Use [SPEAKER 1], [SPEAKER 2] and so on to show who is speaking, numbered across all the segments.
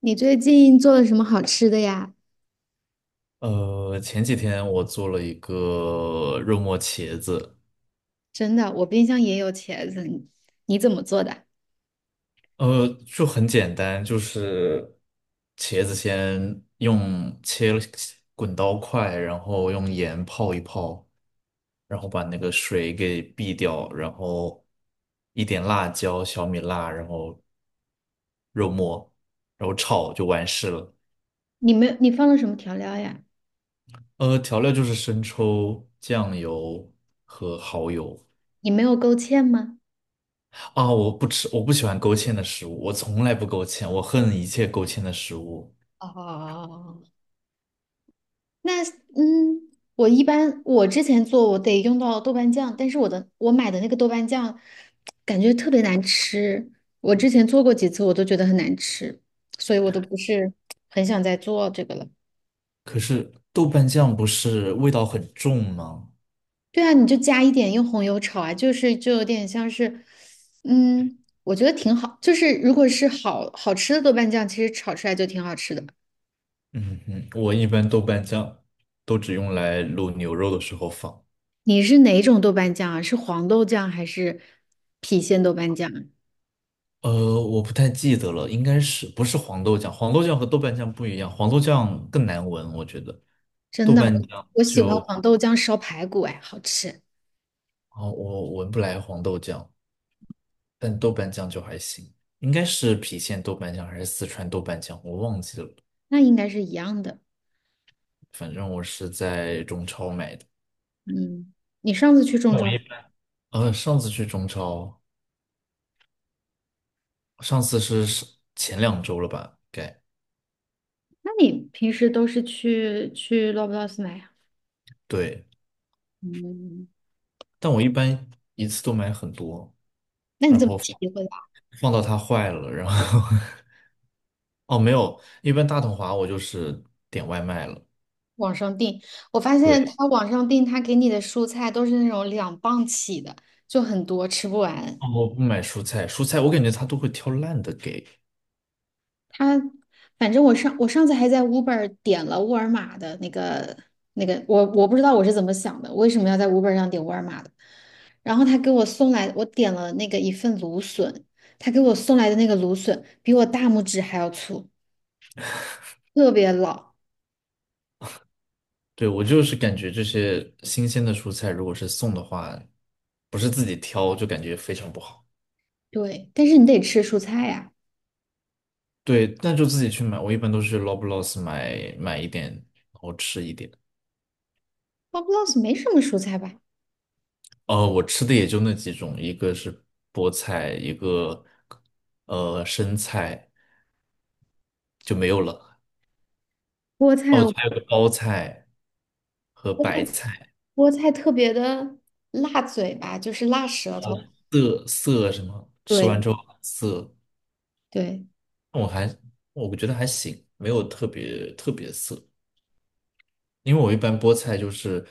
[SPEAKER 1] 你最近做了什么好吃的呀？
[SPEAKER 2] 前几天我做了一个肉末茄子。
[SPEAKER 1] 真的，我冰箱也有茄子，你怎么做的？
[SPEAKER 2] 就很简单，就是茄子先用切了滚刀块，然后用盐泡一泡，然后把那个水给避掉，然后一点辣椒、小米辣，然后肉末，然后炒就完事了。
[SPEAKER 1] 你没有，你放了什么调料呀？
[SPEAKER 2] 调料就是生抽、酱油和蚝油。
[SPEAKER 1] 你没有勾芡吗？
[SPEAKER 2] 啊，我不吃，我不喜欢勾芡的食物，我从来不勾芡，我恨一切勾芡的食物。
[SPEAKER 1] 哦，那嗯，我一般我之前做我得用到豆瓣酱，但是我买的那个豆瓣酱感觉特别难吃，我之前做过几次我都觉得很难吃，所以我都不是很想再做这个了。
[SPEAKER 2] 可是豆瓣酱不是味道很重吗？
[SPEAKER 1] 对啊，你就加一点用红油炒啊，就是就有点像是，嗯，我觉得挺好。就是如果是好好吃的豆瓣酱，其实炒出来就挺好吃的。
[SPEAKER 2] 嗯哼，我一般豆瓣酱都只用来卤牛肉的时候放。
[SPEAKER 1] 你是哪种豆瓣酱啊？是黄豆酱还是郫县豆瓣酱啊？
[SPEAKER 2] 我不太记得了，应该是不是黄豆酱？黄豆酱和豆瓣酱不一样，黄豆酱更难闻，我觉得。
[SPEAKER 1] 真
[SPEAKER 2] 豆
[SPEAKER 1] 的，
[SPEAKER 2] 瓣
[SPEAKER 1] 我
[SPEAKER 2] 酱
[SPEAKER 1] 我喜欢
[SPEAKER 2] 就，
[SPEAKER 1] 黄豆酱烧排骨，哎，好吃。
[SPEAKER 2] 啊，我闻不来黄豆酱，但豆瓣酱就还行，应该是郫县豆瓣酱还是四川豆瓣酱，我忘记了。
[SPEAKER 1] 那应该是一样的。
[SPEAKER 2] 反正我是在中超买的。
[SPEAKER 1] 嗯，你上次去中
[SPEAKER 2] 那我
[SPEAKER 1] 超，
[SPEAKER 2] 一般上次去中超，上次是前2周了吧？该，
[SPEAKER 1] 那你平时都是去 Loblaws 买啊？
[SPEAKER 2] 对，
[SPEAKER 1] 嗯，
[SPEAKER 2] 但我一般一次都买很多，
[SPEAKER 1] 那你
[SPEAKER 2] 然
[SPEAKER 1] 怎么
[SPEAKER 2] 后
[SPEAKER 1] 体会？
[SPEAKER 2] 放到它坏了，然后 哦没有，一般大统华我就是点外卖了。
[SPEAKER 1] 网上订，我发现
[SPEAKER 2] 对，
[SPEAKER 1] 他网上订，他给你的蔬菜都是那种两磅起的，就很多，吃不完。
[SPEAKER 2] 哦我不买蔬菜，蔬菜我感觉他都会挑烂的给。
[SPEAKER 1] 他反正我上次还在 Uber 点了沃尔玛的那个那个，我不知道我是怎么想的，为什么要在 Uber 上点沃尔玛的？然后他给我送来，我点了那个一份芦笋，他给我送来的那个芦笋比我大拇指还要粗，特别老。
[SPEAKER 2] 对，我就是感觉这些新鲜的蔬菜，如果是送的话，不是自己挑，就感觉非常不好。
[SPEAKER 1] 对，但是你得吃蔬菜呀、
[SPEAKER 2] 对，那就自己去买。我一般都是去 Loblaws 买一点，然后吃一点。
[SPEAKER 1] 我不知道是没什么蔬菜吧，
[SPEAKER 2] 我吃的也就那几种，一个是菠菜，一个生菜就没有了。
[SPEAKER 1] 菠
[SPEAKER 2] 哦，
[SPEAKER 1] 菜。
[SPEAKER 2] 还有个包菜和白菜，
[SPEAKER 1] 菠菜特别的辣嘴巴，就是辣舌头。
[SPEAKER 2] 涩什么，吃完
[SPEAKER 1] 对
[SPEAKER 2] 之后很涩，
[SPEAKER 1] 对，
[SPEAKER 2] 我还我觉得还行，没有特别特别涩。因为我一般菠菜就是，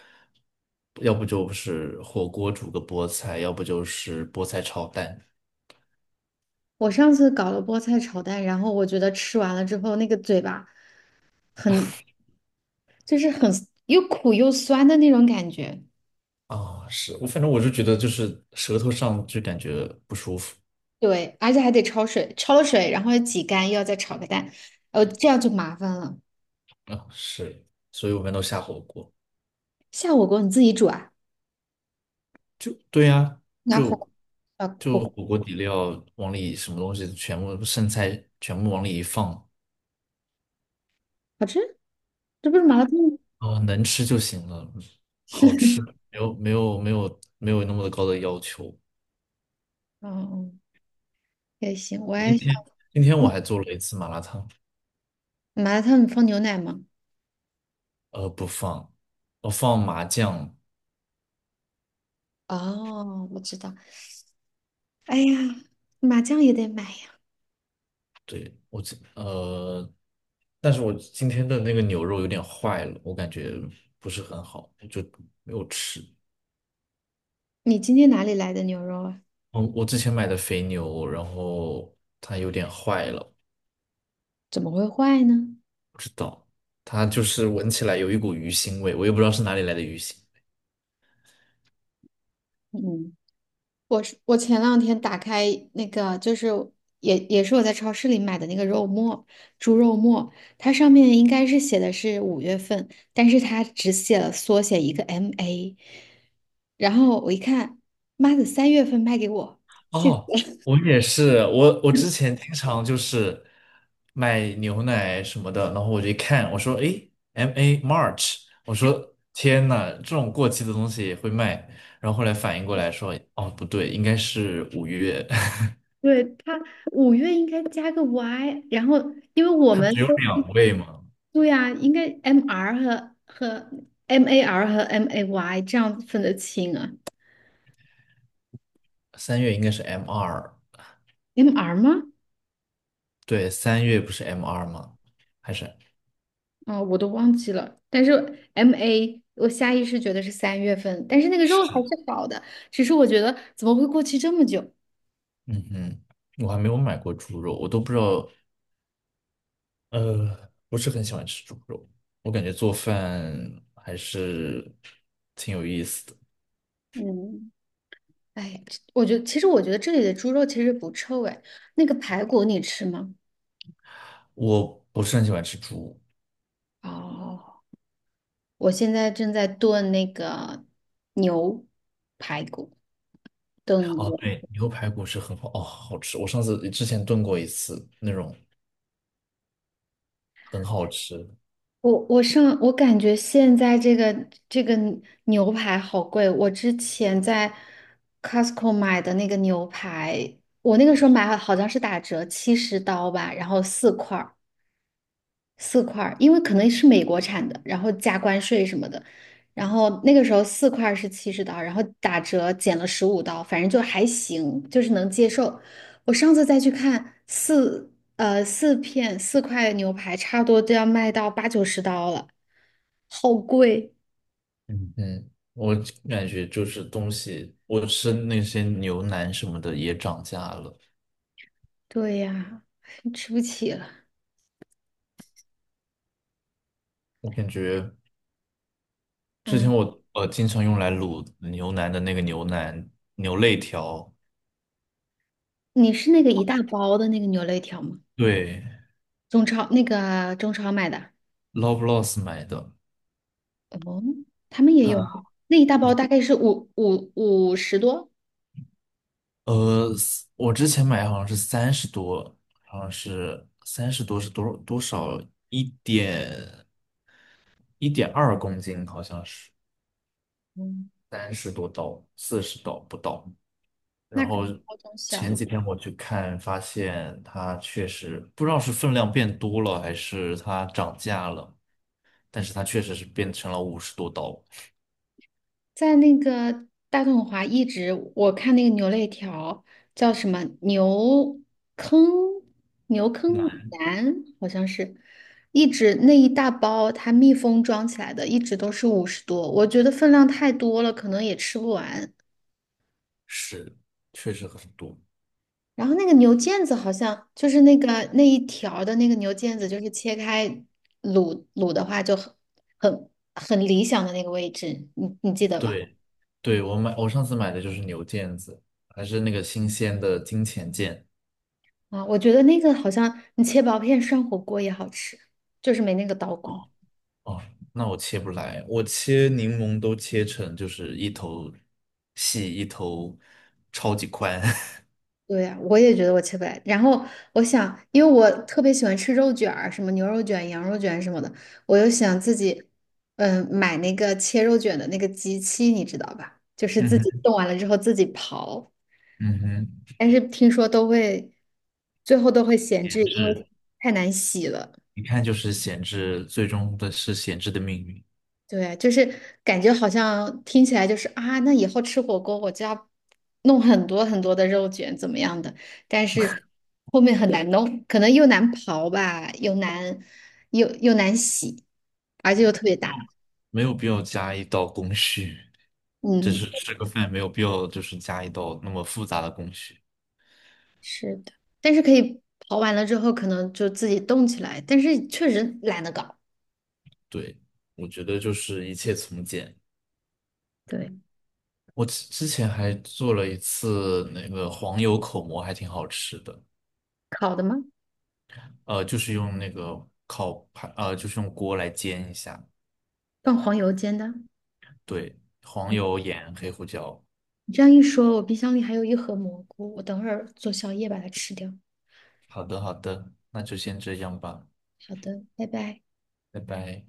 [SPEAKER 2] 要不就是火锅煮个菠菜，要不就是菠菜炒蛋。
[SPEAKER 1] 我上次搞了菠菜炒蛋，然后我觉得吃完了之后，那个嘴巴很，就是很又苦又酸的那种感觉。
[SPEAKER 2] 啊，是，我反正是觉得就是舌头上就感觉不舒服。
[SPEAKER 1] 对，而且还得焯水，焯了水，然后要挤干，又要再炒个蛋，哦这样就麻烦了。
[SPEAKER 2] 啊，是，所以我们都下火锅，
[SPEAKER 1] 下火锅你自己煮啊？
[SPEAKER 2] 对呀、
[SPEAKER 1] 拿
[SPEAKER 2] 就
[SPEAKER 1] 火啊
[SPEAKER 2] 就
[SPEAKER 1] 火
[SPEAKER 2] 火锅底料往里什么东西全部剩菜全部往里一放，
[SPEAKER 1] 好吃？这不是麻辣烫吗？
[SPEAKER 2] 啊，能吃就行了，好吃，没有那么高的要求。
[SPEAKER 1] 哦，嗯也行，我
[SPEAKER 2] 今
[SPEAKER 1] 也想
[SPEAKER 2] 天今天我还做了一次麻辣烫。
[SPEAKER 1] 麻辣烫，你放牛奶吗？
[SPEAKER 2] 不放，我放麻酱。
[SPEAKER 1] 哦，我知道。哎呀，麻酱也得买呀！
[SPEAKER 2] 对，但是我今天的那个牛肉有点坏了，我感觉不是很好，就没有吃。
[SPEAKER 1] 你今天哪里来的牛肉啊？
[SPEAKER 2] 我之前买的肥牛，然后它有点坏了。
[SPEAKER 1] 怎么会坏呢？
[SPEAKER 2] 不知道，它就是闻起来有一股鱼腥味，我也不知道是哪里来的鱼腥。
[SPEAKER 1] 嗯，我前两天打开那个，就是也是我在超市里买的那个肉末，猪肉末，它上面应该是写的是五月份，但是它只写了缩写一个 MA，然后我一看，妈的，三月份卖给我，气死
[SPEAKER 2] 哦，
[SPEAKER 1] 了！
[SPEAKER 2] 我也是，我之前经常就是买牛奶什么的，然后我就一看，我说，诶 MA March，我说天呐，这种过期的东西也会卖，然后后来反应过来说，哦，不对，应该是五月。
[SPEAKER 1] 对，它五月应该加个 Y，然后因为我
[SPEAKER 2] 它
[SPEAKER 1] 们
[SPEAKER 2] 只有
[SPEAKER 1] 都。
[SPEAKER 2] 两位嘛，
[SPEAKER 1] 对呀、应该 MR 和 MAR 和 MAY 这样分得清啊
[SPEAKER 2] 三月应该是 M 二。
[SPEAKER 1] ，MR 吗？
[SPEAKER 2] 对，三月不是 M 二吗？还是，
[SPEAKER 1] 啊、我都忘记了。但是 MA 我下意识觉得是三月份，但是那个肉还是好的，只是我觉得怎么会过期这么久？
[SPEAKER 2] 嗯哼，我还没有买过猪肉，我都不知道不是很喜欢吃猪肉，我感觉做饭还是挺有意思的。
[SPEAKER 1] 嗯，哎，这我觉得其实我觉得这里的猪肉其实不臭哎，那个排骨你吃吗？
[SPEAKER 2] 我不是很喜欢吃猪。
[SPEAKER 1] 哦，我现在正在炖那个牛排骨，炖。
[SPEAKER 2] 哦，
[SPEAKER 1] 牛。
[SPEAKER 2] 对，牛排骨是很好，哦，好吃。我上次之前炖过一次，那种很好吃。
[SPEAKER 1] 我感觉现在这个牛排好贵，我之前在 Costco 买的那个牛排，我那个时候买好像是打折七十刀吧，然后四块儿四块儿因为可能是美国产的，然后加关税什么的，然后那个时候四块儿是七十刀，然后打折减了十五刀，反正就还行，就是能接受。我上次再去看四片四块牛排，差不多都要卖到八九十刀了。好贵，
[SPEAKER 2] 嗯，嗯，我感觉就是东西，我吃那些牛腩什么的也涨价了。
[SPEAKER 1] 对呀，吃不起了。
[SPEAKER 2] 我感觉之前
[SPEAKER 1] 嗯，
[SPEAKER 2] 我经常用来卤牛腩的那个牛肋条，
[SPEAKER 1] 你是那个一大包的那个牛肋条吗？
[SPEAKER 2] 对
[SPEAKER 1] 中超买的？
[SPEAKER 2] l o v e l o s s 买的。
[SPEAKER 1] 哦，他们也有，
[SPEAKER 2] 它。
[SPEAKER 1] 那一大包大概是五十多。
[SPEAKER 2] 呃，我之前买好像是三十多，好像是三十多是多少多少一点1.2公斤，好像是
[SPEAKER 1] 嗯，
[SPEAKER 2] 30多刀，40刀不到。然
[SPEAKER 1] 那可
[SPEAKER 2] 后
[SPEAKER 1] 能包装小
[SPEAKER 2] 前
[SPEAKER 1] 一
[SPEAKER 2] 几
[SPEAKER 1] 点。
[SPEAKER 2] 天我去看，发现它确实不知道是分量变多了还是它涨价了，但是它确实是变成了50多刀。
[SPEAKER 1] 在那个大统华一直，我看那个牛肋条叫什么牛坑牛坑
[SPEAKER 2] 那
[SPEAKER 1] 腩，好像是，一直那一大包它密封装起来的，一直都是五十多，我觉得分量太多了，可能也吃不完。
[SPEAKER 2] 是确实很多。
[SPEAKER 1] 然后那个牛腱子好像就是那个那一条儿的那个牛腱子，就是切开卤的话就很很理想的那个位置，你记得吧？
[SPEAKER 2] 对，对，我上次买的就是牛腱子，还是那个新鲜的金钱腱。
[SPEAKER 1] 啊，我觉得那个好像你切薄片涮火锅也好吃，就是没那个刀工。
[SPEAKER 2] 哦，那我切不来，我切柠檬都切成就是一头细，一头超级宽。
[SPEAKER 1] 对呀，我也觉得我切不来。然后我想，因为我特别喜欢吃肉卷儿什么牛肉卷、羊肉卷什么的，我又想自己，嗯，买那个切肉卷的那个机器，你知道吧？就是
[SPEAKER 2] 嗯
[SPEAKER 1] 自己
[SPEAKER 2] 哼，
[SPEAKER 1] 冻完了之后自己刨，
[SPEAKER 2] 嗯哼，
[SPEAKER 1] 但是听说都会，最后都会闲置，
[SPEAKER 2] 闲
[SPEAKER 1] 因
[SPEAKER 2] 置，
[SPEAKER 1] 为太难洗了。
[SPEAKER 2] 一看就是闲置，最终的是闲置的命运。
[SPEAKER 1] 对，就是感觉好像听起来就是啊，那以后吃火锅我就要弄很多很多的肉卷怎么样的，但是后面很难弄，可能又难刨吧，又又难洗，而且又特别
[SPEAKER 2] 有
[SPEAKER 1] 大。
[SPEAKER 2] 没有必要加一道工序，只
[SPEAKER 1] 嗯，
[SPEAKER 2] 是吃个饭，没有必要就是加一道那么复杂的工序。
[SPEAKER 1] 是的，但是可以刨完了之后可能就自己冻起来，但是确实懒得搞。
[SPEAKER 2] 对，我觉得就是一切从简。
[SPEAKER 1] 对，
[SPEAKER 2] 我之前还做了一次那个黄油口蘑，还挺好吃的。
[SPEAKER 1] 烤的吗？
[SPEAKER 2] 就是用那个烤盘，就是用锅来煎一下。
[SPEAKER 1] 放黄油煎的。
[SPEAKER 2] 对，黄油、盐、黑胡椒。
[SPEAKER 1] 你这样一说，我冰箱里还有一盒蘑菇，我等会儿做宵夜把它吃掉。
[SPEAKER 2] 好的，好的，那就先这样吧，
[SPEAKER 1] 好的，拜拜。
[SPEAKER 2] 拜拜。